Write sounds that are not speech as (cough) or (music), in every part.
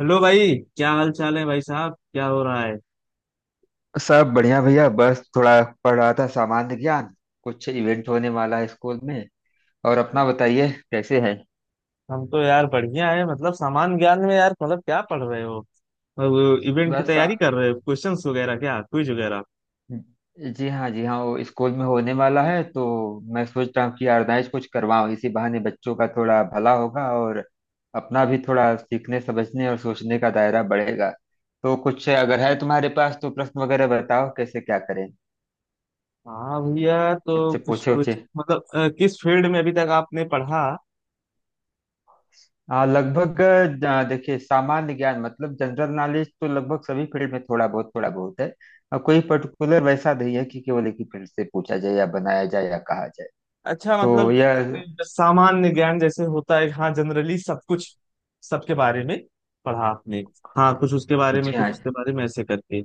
Hello भाई, क्या हाल चाल है? भाई साहब, क्या हो रहा है? सब बढ़िया भैया, बस थोड़ा पढ़ रहा था सामान्य ज्ञान। कुछ इवेंट होने वाला है स्कूल में। और अपना बताइए कैसे है। हम तो यार बढ़िया है। मतलब सामान्य ज्ञान में यार, मतलब क्या पढ़ रहे हो? और वो इवेंट की बस आ, तैयारी कर रहे हो? क्वेश्चंस वगैरह, क्या क्विज वगैरह? जी हाँ, जी हाँ, वो स्कूल में होने वाला है, तो मैं सोच रहा हूँ कि ऑर्गेनाइज कुछ करवाऊँ, इसी बहाने बच्चों का थोड़ा भला होगा और अपना भी थोड़ा सीखने समझने और सोचने का दायरा बढ़ेगा। तो कुछ अगर है तुम्हारे पास तो प्रश्न वगैरह बताओ, कैसे क्या करें, हाँ भैया, तो कुछ कुछ पूछे कुछ उछे। मतलब किस फील्ड में अभी तक आपने पढ़ा? हाँ, लगभग। देखिए, सामान्य ज्ञान मतलब जनरल नॉलेज, तो लगभग सभी फील्ड में थोड़ा बहुत है। और कोई पर्टिकुलर वैसा नहीं है कि केवल एक ही फील्ड से पूछा जाए या बनाया जाए या कहा जाए। अच्छा, तो मतलब यह। सामान्य ज्ञान जैसे होता है, हाँ, जनरली सब कुछ, सबके बारे में पढ़ा आपने। हाँ, कुछ उसके बारे में, जी कुछ हाँ। उसके बारे में ऐसे करके।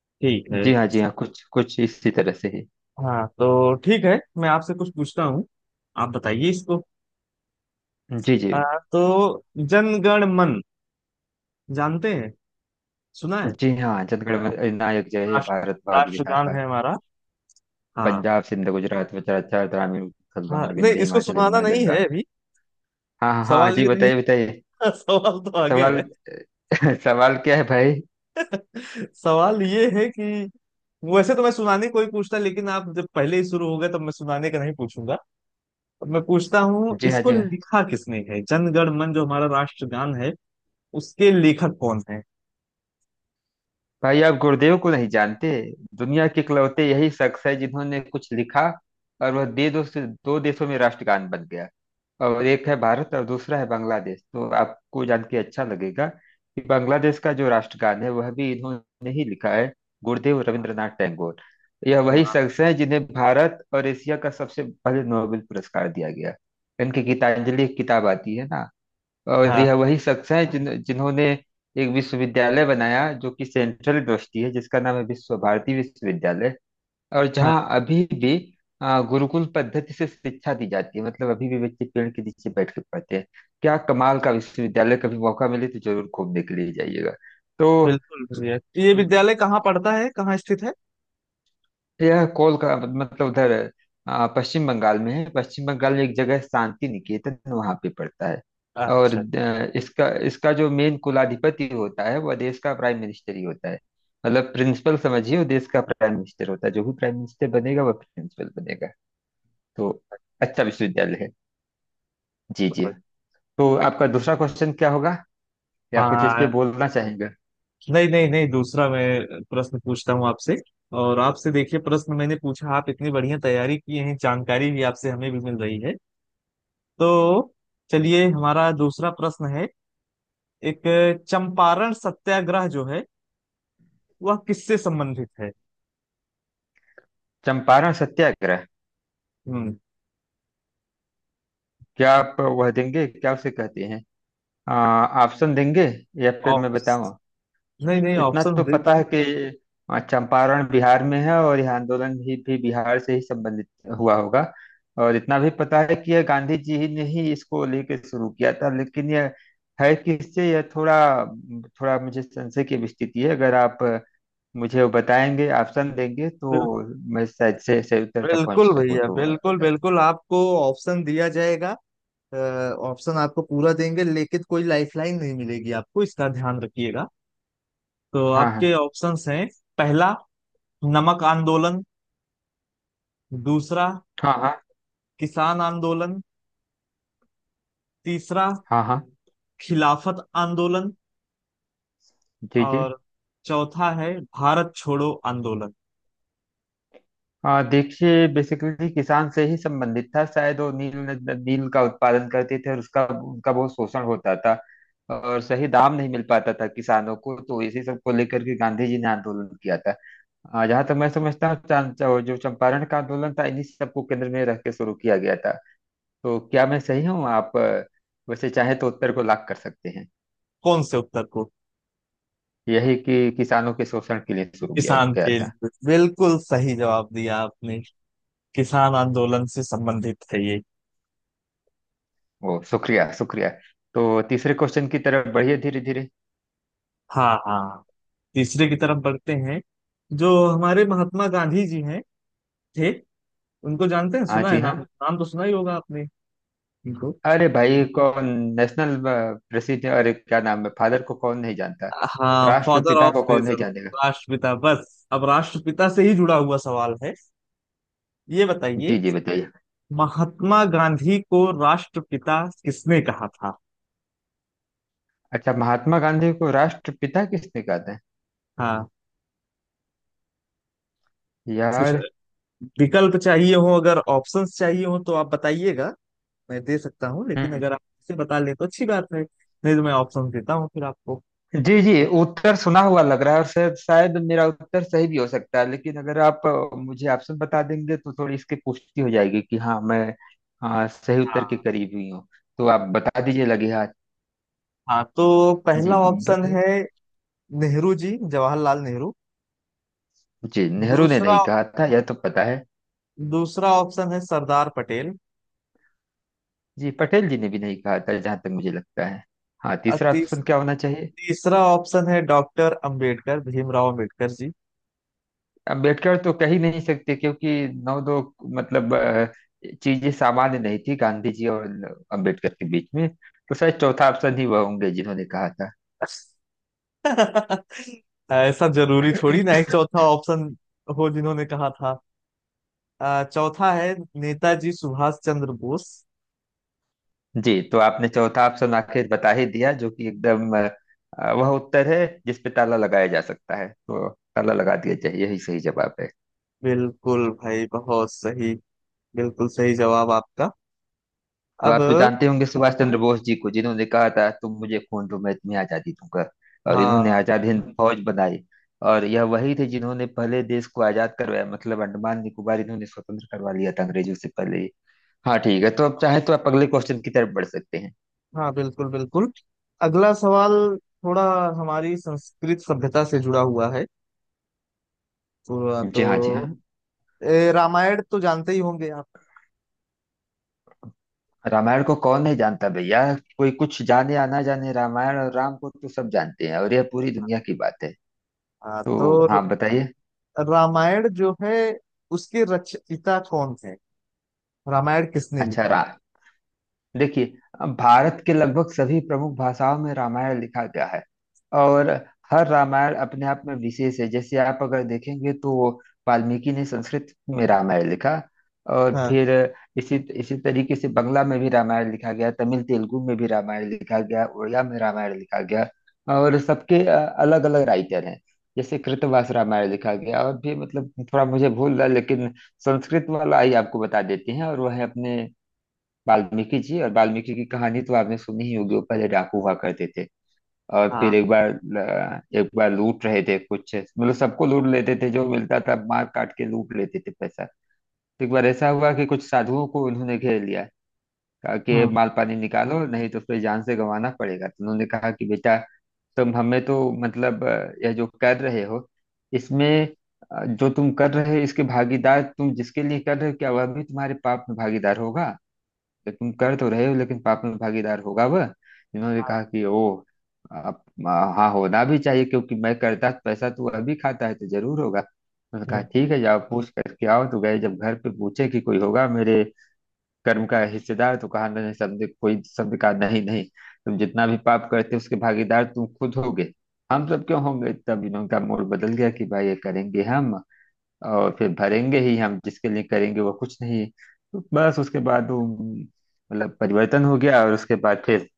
ठीक है। जी हाँ, जी हाँ, कुछ कुछ इसी तरह से ही। हाँ तो ठीक है, मैं आपसे कुछ पूछता हूँ। आप बताइए इसको। जी जी। आ, तो जनगण मन जानते हैं, सुना है? जी हाँ, जनगण नायक जय हे भारत राष्ट्र भाग्य राष्ट्रगान विधाता, है हमारा। हाँ पंजाब सिंध गुजरात उत्तराखंड ग्रामीण उत्कल हाँ, बंग नहीं, विंध्य इसको हिमाचल सुनाना यमुना नहीं गंगा। है अभी। हाँ हाँ हाँ, सवाल जी ये नहीं। बताइए बताइए। (laughs) सवाल तो आगे सवाल। है। (laughs) सवाल क्या है भाई। सवाल ये है कि वैसे तो मैं सुनाने कोई पूछता, लेकिन आप जब पहले ही शुरू हो गए, तब मैं सुनाने का नहीं पूछूंगा। अब मैं पूछता हूँ, जी हाँ, इसको जी हाँ। लिखा किसने है? जनगण मन जो हमारा राष्ट्रगान है, उसके लेखक कौन है? भाई, आप गुरुदेव को नहीं जानते। दुनिया के इकलौते यही शख्स है जिन्होंने कुछ लिखा और वह दे दो से दो देशों में राष्ट्रगान बन गया। और एक है भारत और दूसरा है बांग्लादेश। तो आपको जान के अच्छा लगेगा कि बांग्लादेश का जो राष्ट्रगान है वह भी इन्होंने ही लिखा है। गुरुदेव रविंद्रनाथ टैगोर। यह वही वाह। शख्स है जिन्हें भारत और एशिया का सबसे पहले नोबेल पुरस्कार दिया गया। इनकी गीतांजलि एक किताब आती है ना। और यह हाँ वही शख्स हैं जिन्होंने एक विश्वविद्यालय बनाया जो कि सेंट्रल यूनिवर्सिटी है, जिसका नाम है विश्व भारती विश्वविद्यालय। और हाँ। जहाँ अभी भी गुरुकुल पद्धति से शिक्षा दी जाती है, मतलब अभी भी बच्चे पेड़ के नीचे बैठ के पढ़ते हैं। क्या कमाल का विश्वविद्यालय, कभी मौका मिले तो जरूर घूमने के लिए जाइएगा। तो बिल्कुल बढ़िया। ये विद्यालय कहाँ पड़ता है, कहाँ स्थित है? यह कोलकाता मतलब उधर, पश्चिम बंगाल में है। पश्चिम बंगाल में एक जगह है शांति निकेतन, वहां पे पड़ता है। और अच्छा। अ, इसका इसका जो मेन कुलाधिपति होता है वह देश का प्राइम मिनिस्टर ही होता है। मतलब प्रिंसिपल समझिए, वो देश का प्राइम मिनिस्टर होता है। जो भी प्राइम मिनिस्टर बनेगा वह प्रिंसिपल बनेगा। तो अच्छा विश्वविद्यालय है। जी जी। तो आपका दूसरा क्वेश्चन क्या होगा, या कुछ इस हाँ, पे बोलना चाहेंगे। नहीं नहीं नहीं, दूसरा मैं प्रश्न पूछता हूँ आपसे। और आपसे देखिए, प्रश्न मैंने पूछा, आप इतनी बढ़िया तैयारी की है, जानकारी भी आपसे हमें भी मिल रही है। तो चलिए, हमारा दूसरा प्रश्न है। एक चंपारण सत्याग्रह जो है, वह किससे संबंधित है? चंपारण सत्याग्रह। हम्म। क्या आप वह देंगे, क्या उसे कहते हैं, ऑप्शन देंगे या फिर मैं ऑप्स, बताऊं। नहीं नहीं, इतना ऑप्शन तो दे। पता है कि चंपारण बिहार में है, और यह आंदोलन भी बिहार से ही संबंधित हुआ होगा। और इतना भी पता है कि यह गांधी जी ही ने ही इसको लेके शुरू किया था, लेकिन यह है किससे, यह थोड़ा थोड़ा मुझे संशय की भी स्थिति है। अगर आप मुझे वो बताएंगे, ऑप्शन देंगे, बिल, तो मैं शायद से सही उत्तर तक पहुंच बिल्कुल सकूं, भैया, तो बिल्कुल बताया। बिल्कुल आपको ऑप्शन दिया जाएगा। अ, ऑप्शन आपको पूरा देंगे, लेकिन कोई लाइफलाइन नहीं मिलेगी आपको, इसका ध्यान रखिएगा। तो हाँ आपके हाँ। ऑप्शंस हैं। पहला, नमक आंदोलन। दूसरा, हाँ हाँ। किसान आंदोलन। तीसरा, हाँ हाँ। खिलाफत आंदोलन। जी जी। और चौथा है भारत छोड़ो आंदोलन। हाँ देखिए, बेसिकली किसान से ही संबंधित था। शायद वो नील, नील का उत्पादन करते थे और उसका, उनका बहुत शोषण होता था और सही दाम नहीं मिल पाता था किसानों को, तो इसी सब को लेकर के गांधी जी ने आंदोलन किया था। जहाँ तक मैं समझता हूँ, जो चंपारण का आंदोलन था, इन्हीं सबको केंद्र में रख के शुरू किया गया था। तो क्या मैं सही हूँ आप वैसे चाहे तो उत्तर को लाख कर सकते हैं। कौन से उत्तर को? यही कि किसानों के शोषण के लिए शुरू किया किसान गया के था। लिए, बिल्कुल सही जवाब दिया आपने। किसान आंदोलन से संबंधित है ये। वो शुक्रिया शुक्रिया। तो तीसरे क्वेश्चन की तरफ बढ़िए धीरे धीरे। हाँ हाँ, तीसरे की तरफ बढ़ते हैं। जो हमारे महात्मा गांधी जी हैं, थे, उनको जानते हैं? हाँ सुना है जी हाँ। नाम? नाम तो सुना ही होगा आपने इनको। अरे भाई कौन, नेशनल प्रसिद्ध, अरे क्या नाम है, फादर को कौन नहीं जानता। हाँ, फादर राष्ट्रपिता ऑफ को कौन नहीं नेशन। जानेगा। राष्ट्रपिता, बस अब राष्ट्रपिता से ही जुड़ा हुआ सवाल है। ये जी बताइए, जी बताइए। महात्मा गांधी को राष्ट्रपिता किसने कहा था? अच्छा, महात्मा गांधी को राष्ट्रपिता किसने कहा था। हाँ, कुछ यार। विकल्प चाहिए हो, अगर ऑप्शंस चाहिए हो तो आप बताइएगा। मैं दे सकता हूँ, लेकिन हम्म। अगर आप इसे बता ले तो अच्छी बात है। नहीं तो मैं ऑप्शन देता हूँ फिर आपको। जी जी, उत्तर सुना हुआ लग रहा है और शायद शायद मेरा उत्तर सही भी हो सकता है, लेकिन अगर आप मुझे ऑप्शन बता देंगे तो थोड़ी इसकी पुष्टि हो जाएगी कि हाँ मैं सही उत्तर के हाँ, करीब ही हूँ। तो आप बता दीजिए लगे हाथ। हाँ तो जी पहला ऑप्शन बताइए। है नेहरू जी, जवाहरलाल नेहरू। जी, नेहरू ने दूसरा, नहीं कहा था यह तो पता है। दूसरा ऑप्शन है सरदार जी, पटेल जी ने भी नहीं कहा था जहां तक मुझे लगता है। हाँ, तीसरा पटेल। ऑप्शन क्या होना चाहिए। तीसरा ऑप्शन है डॉक्टर अंबेडकर, भीमराव अंबेडकर जी। अम्बेडकर तो कह ही नहीं सकते, क्योंकि नौ दो, मतलब चीजें सामान्य नहीं थी गांधी जी और अम्बेडकर के बीच में। तो शायद चौथा ऑप्शन ही वह होंगे जिन्होंने कहा था। (laughs) ऐसा जरूरी थोड़ी ना, एक चौथा ऑप्शन हो जिन्होंने कहा था। चौथा है नेताजी सुभाष चंद्र बोस। जी, तो आपने चौथा ऑप्शन आखिर बता ही दिया, जो कि एकदम वह उत्तर है जिस पे ताला लगाया जा सकता है। तो ताला लगा दिया जाए, यही सही जवाब है। बिल्कुल भाई, बहुत सही। बिल्कुल सही जवाब आपका। तो अब आप तो जानते होंगे सुभाष चंद्र बोस जी को, जिन्होंने कहा था तुम मुझे खून दो मैं तुम्हें आजादी दूंगा। और इन्होंने हाँ, आजाद हिंद फौज बनाई। और यह वही थे जिन्होंने पहले देश को आजाद करवाया, मतलब अंडमान निकोबार इन्होंने स्वतंत्र करवा लिया था अंग्रेजों से पहले ही। हाँ ठीक है, तो अब चाहे तो आप अगले क्वेश्चन की तरफ बढ़ सकते हैं। हाँ बिल्कुल बिल्कुल, अगला सवाल थोड़ा हमारी संस्कृत सभ्यता से जुड़ा हुआ है। तो, जी हाँ जी हाँ। तो रामायण तो जानते ही होंगे आप। रामायण को कौन नहीं जानता भैया, कोई कुछ जाने या ना जाने रामायण और राम को तो सब जानते हैं और यह पूरी दुनिया की बात है। हाँ, तो। तो हाँ बताइए। रामायण जो है, उसके रचयिता कौन थे? रामायण किसने अच्छा लिखा? राम, देखिए, अब भारत के लगभग सभी प्रमुख भाषाओं में रामायण लिखा गया है। और हर रामायण अपने आप में विशेष है। जैसे आप अगर देखेंगे तो वाल्मीकि ने संस्कृत में रामायण लिखा, और हाँ फिर इसी इसी तरीके से बंगला में भी रामायण लिखा गया, तमिल तेलुगु में भी रामायण लिखा गया, उड़िया में रामायण लिखा गया, और सबके अलग अलग राइटर हैं। जैसे कृतवास रामायण लिखा गया और भी, मतलब थोड़ा मुझे भूल रहा है, लेकिन संस्कृत वाला ही आपको बता देते हैं, और वह है अपने वाल्मीकि जी। और वाल्मीकि की कहानी तो आपने सुनी ही होगी। वो पहले डाकू हुआ करते थे। और हाँ फिर एक बार एक बार लूट रहे थे कुछ, मतलब सबको लूट लेते थे जो मिलता था, मार काट के लूट लेते थे पैसा। तो एक बार ऐसा हुआ कि कुछ साधुओं को उन्होंने घेर लिया। कहा कि हाँ। माल पानी निकालो नहीं तो फिर जान से गंवाना पड़ेगा। तो उन्होंने कहा कि बेटा तुम हमें तो, मतलब यह जो कर रहे हो इसमें, जो तुम कर रहे हो इसके भागीदार, तुम जिसके लिए कर रहे हो क्या वह भी तुम्हारे पाप में भागीदार होगा। तो तुम कर तो रहे हो, लेकिन पाप में भागीदार होगा वह। इन्होंने कहा कि ओ आप हाँ होना भी चाहिए, क्योंकि मैं करता पैसा तू अभी खाता है तो जरूर होगा। उन्होंने कहा हाँ। ठीक है जाओ पूछ करके आओ। तो गए, जब घर पे पूछे कि कोई होगा मेरे कर्म का हिस्सेदार, तो कहा नहीं सबने, कोई सबने कहा नहीं नहीं, तुम जितना भी पाप करते हो उसके भागीदार तुम खुद होगे, हम सब क्यों होंगे। तब इन्होंने का मूड बदल गया कि भाई ये करेंगे हम और फिर भरेंगे ही हम, जिसके लिए करेंगे वो कुछ नहीं। तो बस उसके बाद वो मतलब परिवर्तन हो गया और उसके बाद फिर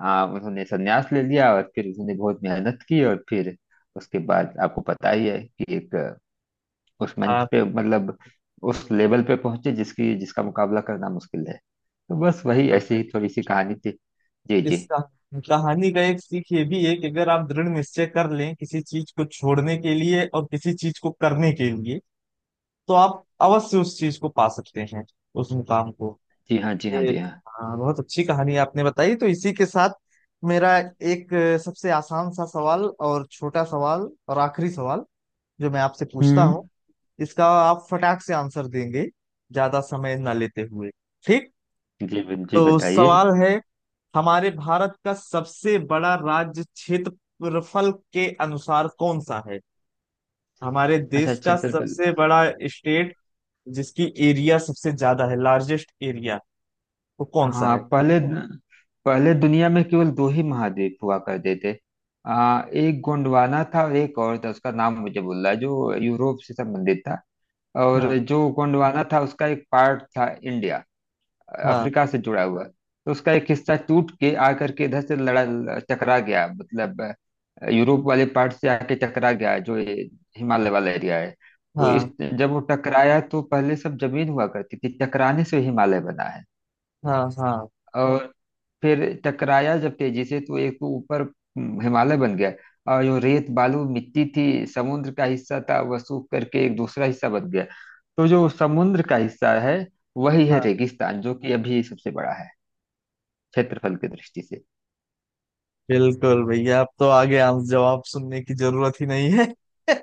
उन्होंने संन्यास ले लिया और फिर उन्होंने बहुत मेहनत की और फिर उसके बाद आपको पता ही है कि एक उस मंच हाँ पे, मतलब उस लेवल पे पहुंचे जिसकी, जिसका मुकाबला करना मुश्किल है। तो बस वही तो ऐसी मैं, ही थोड़ी सी कहानी थी। जी इस जी। कहानी का एक सीख ये भी है कि अगर आप दृढ़ निश्चय कर लें किसी चीज को छोड़ने के लिए और किसी चीज को करने के लिए, तो आप अवश्य उस चीज को पा सकते हैं, उस मुकाम को। जी हाँ जी हाँ ये जी हाँ। हाँ, बहुत अच्छी कहानी आपने बताई। तो इसी के साथ मेरा एक सबसे आसान सा सवाल और छोटा सवाल और आखिरी सवाल जो मैं आपसे पूछता हूँ, हम्म। इसका आप फटाक से आंसर देंगे ज्यादा समय ना लेते हुए, ठीक? जी जी तो बताइए। सवाल है, हमारे भारत का सबसे बड़ा राज्य क्षेत्रफल के अनुसार कौन सा है? हमारे अच्छा देश का छत्रपति। सबसे बड़ा स्टेट जिसकी एरिया सबसे ज्यादा है, लार्जेस्ट एरिया, वो कौन सा हाँ है? पहले, पहले दुनिया में केवल दो ही महाद्वीप हुआ करते थे। एक गोंडवाना था और एक और था, उसका नाम मुझे भूल रहा है, जो यूरोप से संबंधित था। और हाँ जो गोंडवाना था उसका एक पार्ट था इंडिया, हाँ अफ्रीका से जुड़ा हुआ। तो उसका एक हिस्सा टूट के आकर के इधर से लड़ा, टकरा गया, मतलब यूरोप वाले पार्ट से आके टकरा गया, जो ये हिमालय वाला एरिया है। तो इस, हाँ। जब वो टकराया तो पहले सब जमीन हुआ करती थी, टकराने से हिमालय बना है। हाँ हाँ और फिर टकराया जब तेजी से तो एक तो ऊपर हिमालय बन गया, और जो रेत बालू मिट्टी थी समुद्र का हिस्सा था वह सूख करके एक दूसरा हिस्सा बन गया। तो जो समुद्र का हिस्सा है वही है हाँ, रेगिस्तान, जो कि अभी सबसे बड़ा है क्षेत्रफल की दृष्टि से। बिल्कुल भैया, अब तो आगे आंस जवाब सुनने की जरूरत ही नहीं है। (laughs)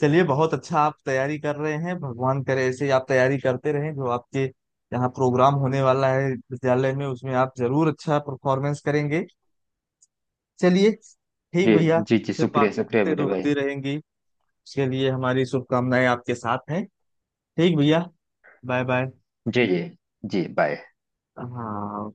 चलिए, बहुत अच्छा आप तैयारी कर रहे हैं। भगवान करे ऐसे ही आप तैयारी करते रहें। जो आपके यहाँ प्रोग्राम होने वाला है विद्यालय में, उसमें आप जरूर अच्छा परफॉर्मेंस करेंगे। चलिए, ठीक जी भैया। जी। जी फिर शुक्रिया शुक्रिया बातें तो मेरे भाई। होती रहेंगी। उसके लिए हमारी शुभकामनाएं आपके साथ हैं। ठीक भैया, बाय बाय। जी जी। जी बाय। हाँ।